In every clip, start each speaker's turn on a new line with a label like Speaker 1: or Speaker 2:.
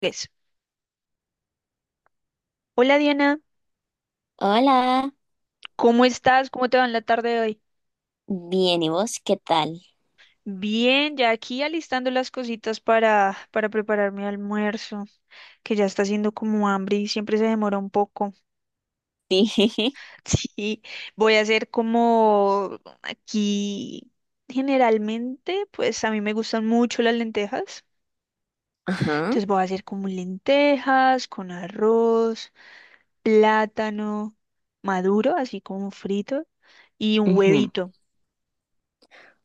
Speaker 1: Tres. Hola Diana,
Speaker 2: Hola,
Speaker 1: ¿cómo estás? ¿Cómo te va en la tarde de hoy?
Speaker 2: bien, ¿y vos qué tal?
Speaker 1: Bien, ya aquí alistando las cositas para preparar mi almuerzo, que ya está haciendo como hambre y siempre se demora un poco.
Speaker 2: Sí.
Speaker 1: Sí, voy a hacer como aquí generalmente, pues a mí me gustan mucho las lentejas.
Speaker 2: Ajá.
Speaker 1: Entonces voy a hacer como lentejas con arroz, plátano maduro, así como frito, y un
Speaker 2: Ujú.
Speaker 1: huevito.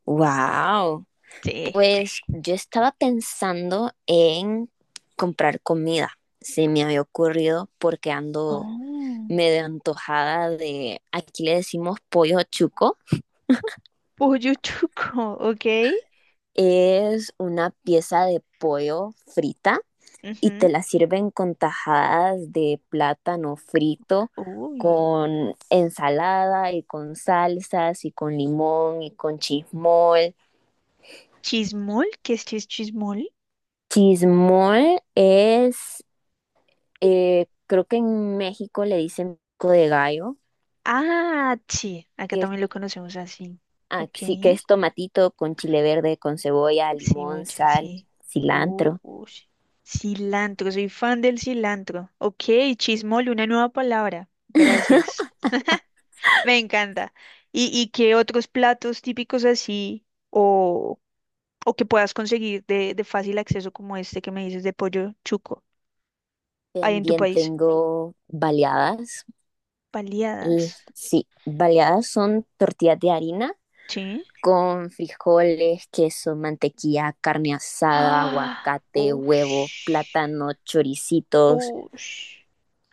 Speaker 2: Wow.
Speaker 1: Sí.
Speaker 2: Pues yo estaba pensando en comprar comida. Se me había ocurrido porque ando
Speaker 1: Oh.
Speaker 2: medio antojada de, aquí le decimos pollo chuco.
Speaker 1: Pollo chuco, ok.
Speaker 2: Es una pieza de pollo frita y te
Speaker 1: Ujú.
Speaker 2: la sirven con tajadas de plátano frito,
Speaker 1: Uy.
Speaker 2: con ensalada y con salsas y con limón y con chismol.
Speaker 1: Chismol, ¿qué es chismol?
Speaker 2: Chismol es, creo que en México le dicen pico de gallo,
Speaker 1: Ah, sí, acá
Speaker 2: que es,
Speaker 1: también lo conocemos así.
Speaker 2: ah,
Speaker 1: Ok.
Speaker 2: sí, que es tomatito con chile verde, con cebolla, limón,
Speaker 1: Cebolla,
Speaker 2: sal,
Speaker 1: sí.
Speaker 2: cilantro.
Speaker 1: Uy. Cilantro, soy fan del cilantro. Ok, chismol, una nueva palabra. Gracias. Me encanta. ¿Y qué otros platos típicos así o, o que puedas conseguir de fácil acceso como este que me dices de pollo chuco hay en tu
Speaker 2: También
Speaker 1: país?
Speaker 2: tengo baleadas. L-
Speaker 1: Paliadas.
Speaker 2: Sí, baleadas son tortillas de harina
Speaker 1: Sí.
Speaker 2: con frijoles, queso, mantequilla, carne asada,
Speaker 1: Ah,
Speaker 2: aguacate, huevo,
Speaker 1: ush,
Speaker 2: plátano, choricitos,
Speaker 1: ush.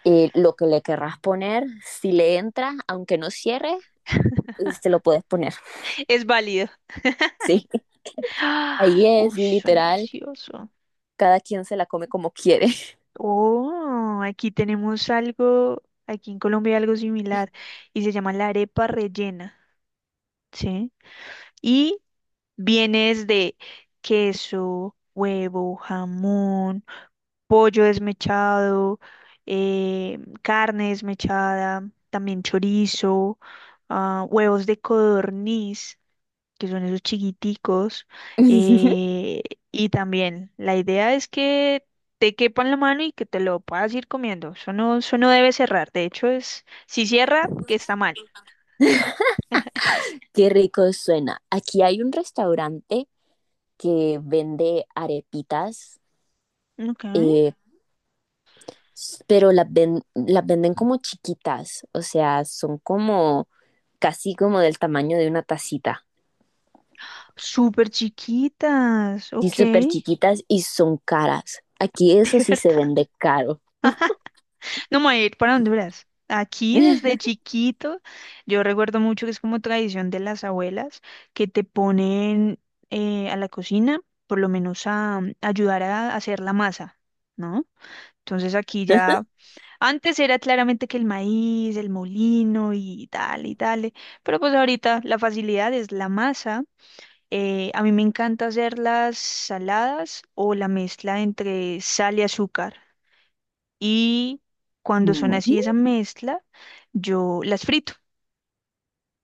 Speaker 2: lo que le querrás poner, si le entra, aunque no cierre, se lo puedes poner.
Speaker 1: Es válido.
Speaker 2: Sí, ahí
Speaker 1: Ah, uy,
Speaker 2: es
Speaker 1: suena
Speaker 2: literal,
Speaker 1: delicioso.
Speaker 2: cada quien se la come como quiere.
Speaker 1: Oh, aquí tenemos algo, aquí en Colombia hay algo similar y se llama la arepa rellena, ¿sí? Y vienes de queso, huevo, jamón, pollo desmechado, carne desmechada, también chorizo, ah, huevos de codorniz, que son esos chiquiticos. eh, y también la idea es que te quepa en la mano y que te lo puedas ir comiendo. Eso no debe cerrar. De hecho, es, si cierra, que está mal.
Speaker 2: Qué rico suena. Aquí hay un restaurante que vende arepitas,
Speaker 1: Okay.
Speaker 2: eh, pero las venden como chiquitas, o sea, son como casi como del tamaño de una tacita.
Speaker 1: Súper chiquitas,
Speaker 2: Y
Speaker 1: ok.
Speaker 2: súper chiquitas y son caras. Aquí eso
Speaker 1: De
Speaker 2: sí se
Speaker 1: verdad.
Speaker 2: vende caro.
Speaker 1: No me voy a ir para Honduras. Aquí desde chiquito, yo recuerdo mucho que es como tradición de las abuelas que te ponen a la cocina, por lo menos a ayudar a hacer la masa, ¿no? Entonces aquí ya, antes era claramente que el maíz, el molino y tal, pero pues ahorita la facilidad es la masa. A mí me encanta hacer las saladas o la mezcla entre sal y azúcar y cuando son
Speaker 2: Mm,
Speaker 1: así esa mezcla, yo las frito,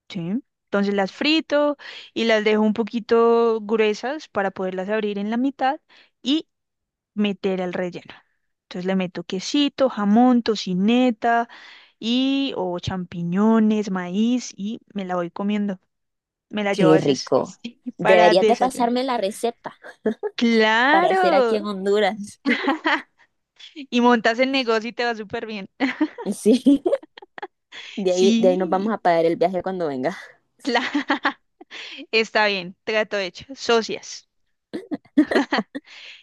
Speaker 1: ¿sí? Entonces las frito y las dejo un poquito gruesas para poderlas abrir en la mitad y meter al relleno. Entonces le meto quesito, jamón, tocineta y o champiñones, maíz y me la voy comiendo. Me la llevo a
Speaker 2: qué
Speaker 1: veces
Speaker 2: rico.
Speaker 1: sí, para
Speaker 2: Deberías de
Speaker 1: desayunar.
Speaker 2: pasarme la receta para hacer aquí en
Speaker 1: Claro,
Speaker 2: Honduras.
Speaker 1: y montas el negocio y te va súper bien.
Speaker 2: Sí, de ahí nos vamos
Speaker 1: Sí,
Speaker 2: a pagar el viaje cuando vengas.
Speaker 1: claro. Está bien, trato hecho. Socias.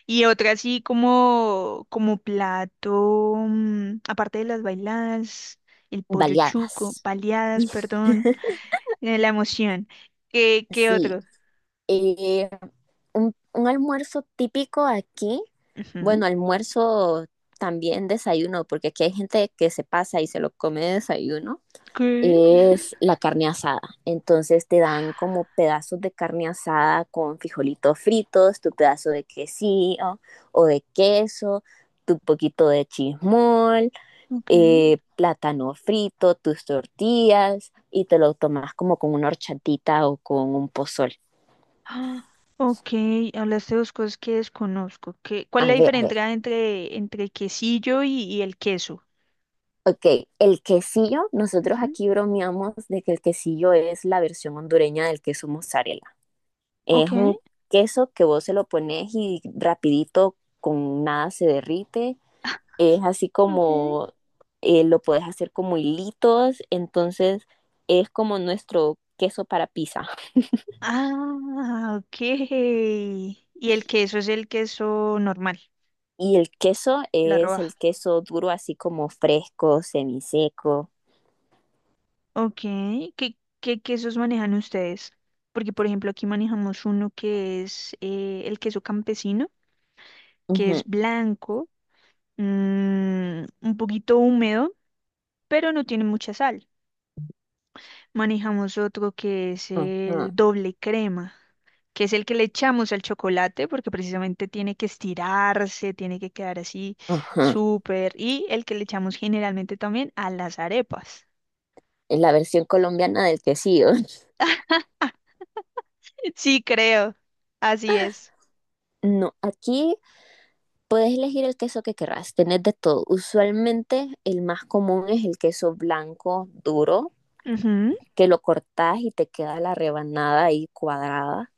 Speaker 1: Y otra así como, como plato, aparte de las bailadas, el pollo chuco,
Speaker 2: Baleadas.
Speaker 1: baleadas, perdón, la emoción. ¿Qué
Speaker 2: Sí,
Speaker 1: otro?
Speaker 2: eh, un almuerzo típico aquí.
Speaker 1: Ujú.
Speaker 2: Bueno, almuerzo también desayuno, porque aquí hay gente que se pasa y se lo come de desayuno
Speaker 1: ¿Qué?
Speaker 2: es la carne asada. Entonces te dan como pedazos de carne asada con frijolitos fritos, tu pedazo de quesillo o de queso, tu poquito de chismol,
Speaker 1: Ok.
Speaker 2: plátano frito, tus tortillas y te lo tomas como con una horchatita o con un pozol.
Speaker 1: Ah, ok, hablaste de dos cosas que desconozco. ¿Qué, cuál
Speaker 2: A
Speaker 1: es la
Speaker 2: ver, a ver.
Speaker 1: diferencia entre quesillo y el queso?
Speaker 2: Ok, el quesillo, nosotros
Speaker 1: Ujú.
Speaker 2: aquí bromeamos de que el quesillo es la versión hondureña del queso mozzarella.
Speaker 1: Ok.
Speaker 2: Es un queso que vos se lo pones y rapidito con nada se derrite. Es así
Speaker 1: Ok.
Speaker 2: como lo puedes hacer como hilitos, entonces es como nuestro queso para pizza.
Speaker 1: Ah, ok. Y el queso es el queso normal,
Speaker 2: Y el queso
Speaker 1: la
Speaker 2: es
Speaker 1: roja.
Speaker 2: el queso duro, así como fresco, semiseco.
Speaker 1: Ok. ¿Qué quesos manejan ustedes? Porque, por ejemplo, aquí manejamos uno que es el queso campesino, que es
Speaker 2: Ujú,
Speaker 1: blanco, mm, un poquito húmedo, pero no tiene mucha sal. Manejamos otro que es
Speaker 2: ujú,
Speaker 1: el doble crema, que es el que le echamos al chocolate porque precisamente tiene que estirarse, tiene que quedar así
Speaker 2: ujú.
Speaker 1: súper, y el que le echamos generalmente también a las arepas.
Speaker 2: Es la versión colombiana del quesillo.
Speaker 1: Sí, creo, así es.
Speaker 2: No, aquí puedes elegir el queso que querrás, tenés de todo. Usualmente el más común es el queso blanco duro,
Speaker 1: Ujú,
Speaker 2: que lo cortás y te queda la rebanada ahí cuadrada.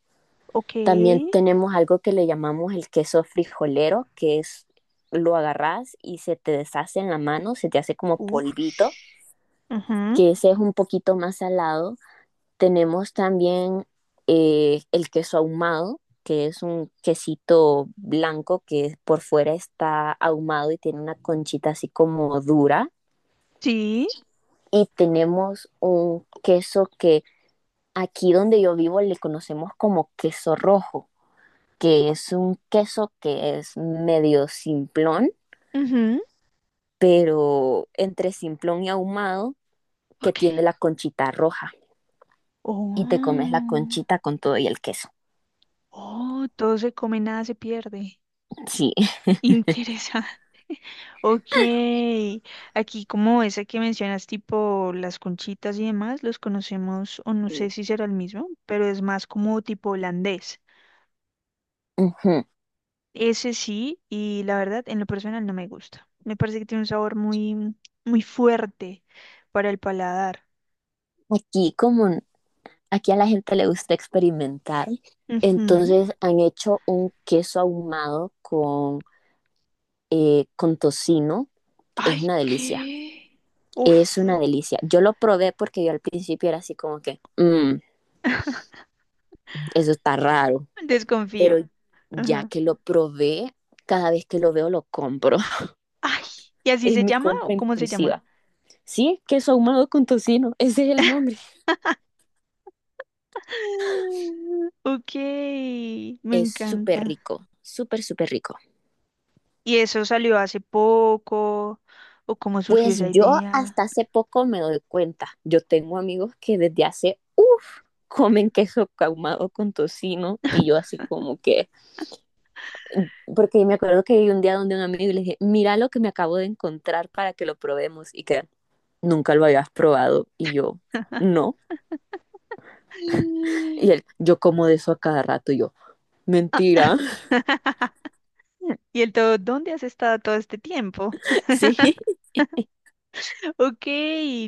Speaker 1: ok,
Speaker 2: También tenemos algo que le llamamos el queso frijolero, que es lo agarrás y se te deshace en la mano, se te hace como
Speaker 1: uff,
Speaker 2: polvito, que ese es un poquito más salado. Tenemos también el queso ahumado, que es un quesito blanco que por fuera está ahumado y tiene una conchita así como dura.
Speaker 1: sí,
Speaker 2: Y tenemos un queso que aquí donde yo vivo le conocemos como queso rojo, que es un queso que es medio simplón,
Speaker 1: ujú,
Speaker 2: pero entre simplón y ahumado, que
Speaker 1: ok.
Speaker 2: tiene la conchita roja. Y te comes la
Speaker 1: Oh,
Speaker 2: conchita con todo y el queso.
Speaker 1: oh, todo se come, nada se pierde.
Speaker 2: Sí.
Speaker 1: Interesante. Ok. Aquí como esa que mencionas, tipo las conchitas y demás, los conocemos, o no sé si será el mismo, pero es más como tipo holandés.
Speaker 2: Ujú.
Speaker 1: Ese sí, y la verdad, en lo personal no me gusta. Me parece que tiene un sabor muy, muy fuerte para el paladar.
Speaker 2: Aquí, como aquí a la gente le gusta experimentar,
Speaker 1: Ujú.
Speaker 2: entonces han hecho un queso ahumado con tocino, que es
Speaker 1: Ay,
Speaker 2: una delicia.
Speaker 1: ¿qué?
Speaker 2: Es
Speaker 1: Uf,
Speaker 2: una delicia. Yo lo probé porque yo al principio era así como que, "Mm, eso está raro",
Speaker 1: desconfío.
Speaker 2: pero ya
Speaker 1: Ajá.
Speaker 2: que lo probé, cada vez que lo veo lo compro.
Speaker 1: Ay, ¿y así
Speaker 2: Es
Speaker 1: se
Speaker 2: mi
Speaker 1: llama o
Speaker 2: compra
Speaker 1: cómo se llama?
Speaker 2: impulsiva. Sí, queso ahumado con tocino, ese es el nombre.
Speaker 1: Ok, me
Speaker 2: Es súper
Speaker 1: encanta.
Speaker 2: rico, súper, súper rico.
Speaker 1: ¿Y eso salió hace poco? ¿O cómo surgió
Speaker 2: Pues
Speaker 1: esa
Speaker 2: yo
Speaker 1: idea?
Speaker 2: hasta hace poco me doy cuenta. Yo tengo amigos que desde hace, uff, comen queso caumado con tocino y yo así como que, porque me acuerdo que hay un día donde un amigo y le dije, mira lo que me acabo de encontrar para que lo probemos y que nunca lo habías probado y yo, no. Y él, yo como de eso a cada rato y yo,
Speaker 1: Ah,
Speaker 2: mentira,
Speaker 1: Y el todo, ¿dónde has estado todo este tiempo?
Speaker 2: sí.
Speaker 1: Ok,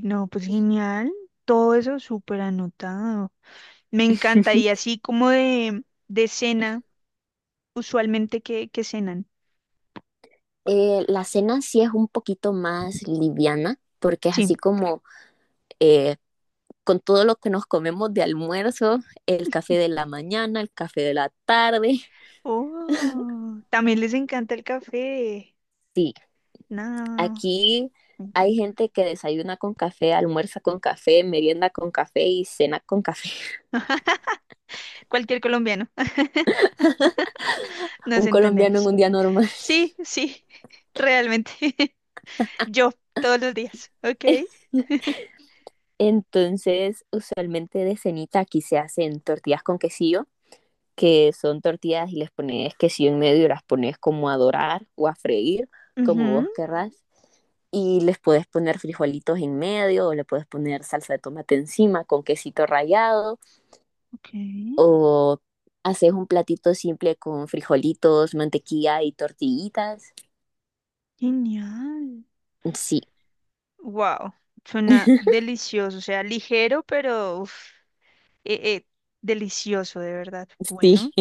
Speaker 1: no, pues genial. Todo eso súper anotado. Me encanta. Y así como de cena, usualmente que, cenan.
Speaker 2: La cena sí es un poquito más liviana porque es así
Speaker 1: Sí.
Speaker 2: como eh, con todo lo que nos comemos de almuerzo, el café de la mañana, el café de la tarde.
Speaker 1: Oh, también les encanta el café.
Speaker 2: Sí,
Speaker 1: No,
Speaker 2: aquí
Speaker 1: me
Speaker 2: hay
Speaker 1: encanta.
Speaker 2: gente que desayuna con café, almuerza con café, merienda con café y cena con café.
Speaker 1: Cualquier colombiano. Nos
Speaker 2: Un colombiano en
Speaker 1: entendemos.
Speaker 2: un día normal.
Speaker 1: Sí, sí, realmente. Yo, todos los días. Ok.
Speaker 2: Entonces, usualmente de cenita aquí se hacen tortillas con quesillo, que son tortillas y les pones quesillo en medio y las pones como a dorar o a freír, como
Speaker 1: Ujú,
Speaker 2: vos querrás. Y les puedes poner frijolitos en medio o le puedes poner salsa de tomate encima con quesito rallado
Speaker 1: ok.
Speaker 2: o haces un platito simple con frijolitos, mantequilla y tortillitas.
Speaker 1: Genial.
Speaker 2: Sí,
Speaker 1: Wow. Suena delicioso. O sea, ligero, pero uf, eh, eh, delicioso, de verdad.
Speaker 2: sí,
Speaker 1: Bueno,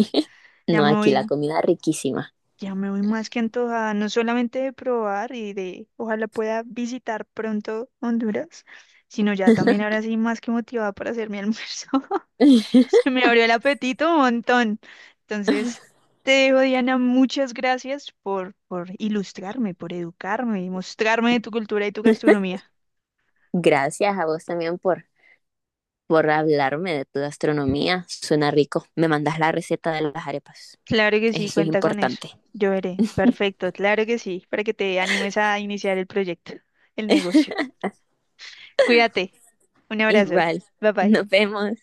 Speaker 1: ya
Speaker 2: no,
Speaker 1: me
Speaker 2: aquí la
Speaker 1: voy,
Speaker 2: comida riquísima.
Speaker 1: ya me voy más que antojada, no solamente de probar y de ojalá pueda visitar pronto Honduras, sino ya también ahora sí más que motivada para hacer mi almuerzo. Se me abrió el apetito un montón. Entonces, te dejo, Diana, muchas gracias por ilustrarme, por educarme y mostrarme tu cultura y tu gastronomía.
Speaker 2: Gracias a vos también por hablarme de tu gastronomía, suena rico. Me mandas la receta de las arepas,
Speaker 1: Claro que sí,
Speaker 2: eso es
Speaker 1: cuenta con eso.
Speaker 2: importante.
Speaker 1: Yo veré. Perfecto, claro que sí, para que te animes a iniciar el proyecto, el negocio. Cuídate. Un abrazo.
Speaker 2: Igual,
Speaker 1: Bye bye.
Speaker 2: nos vemos.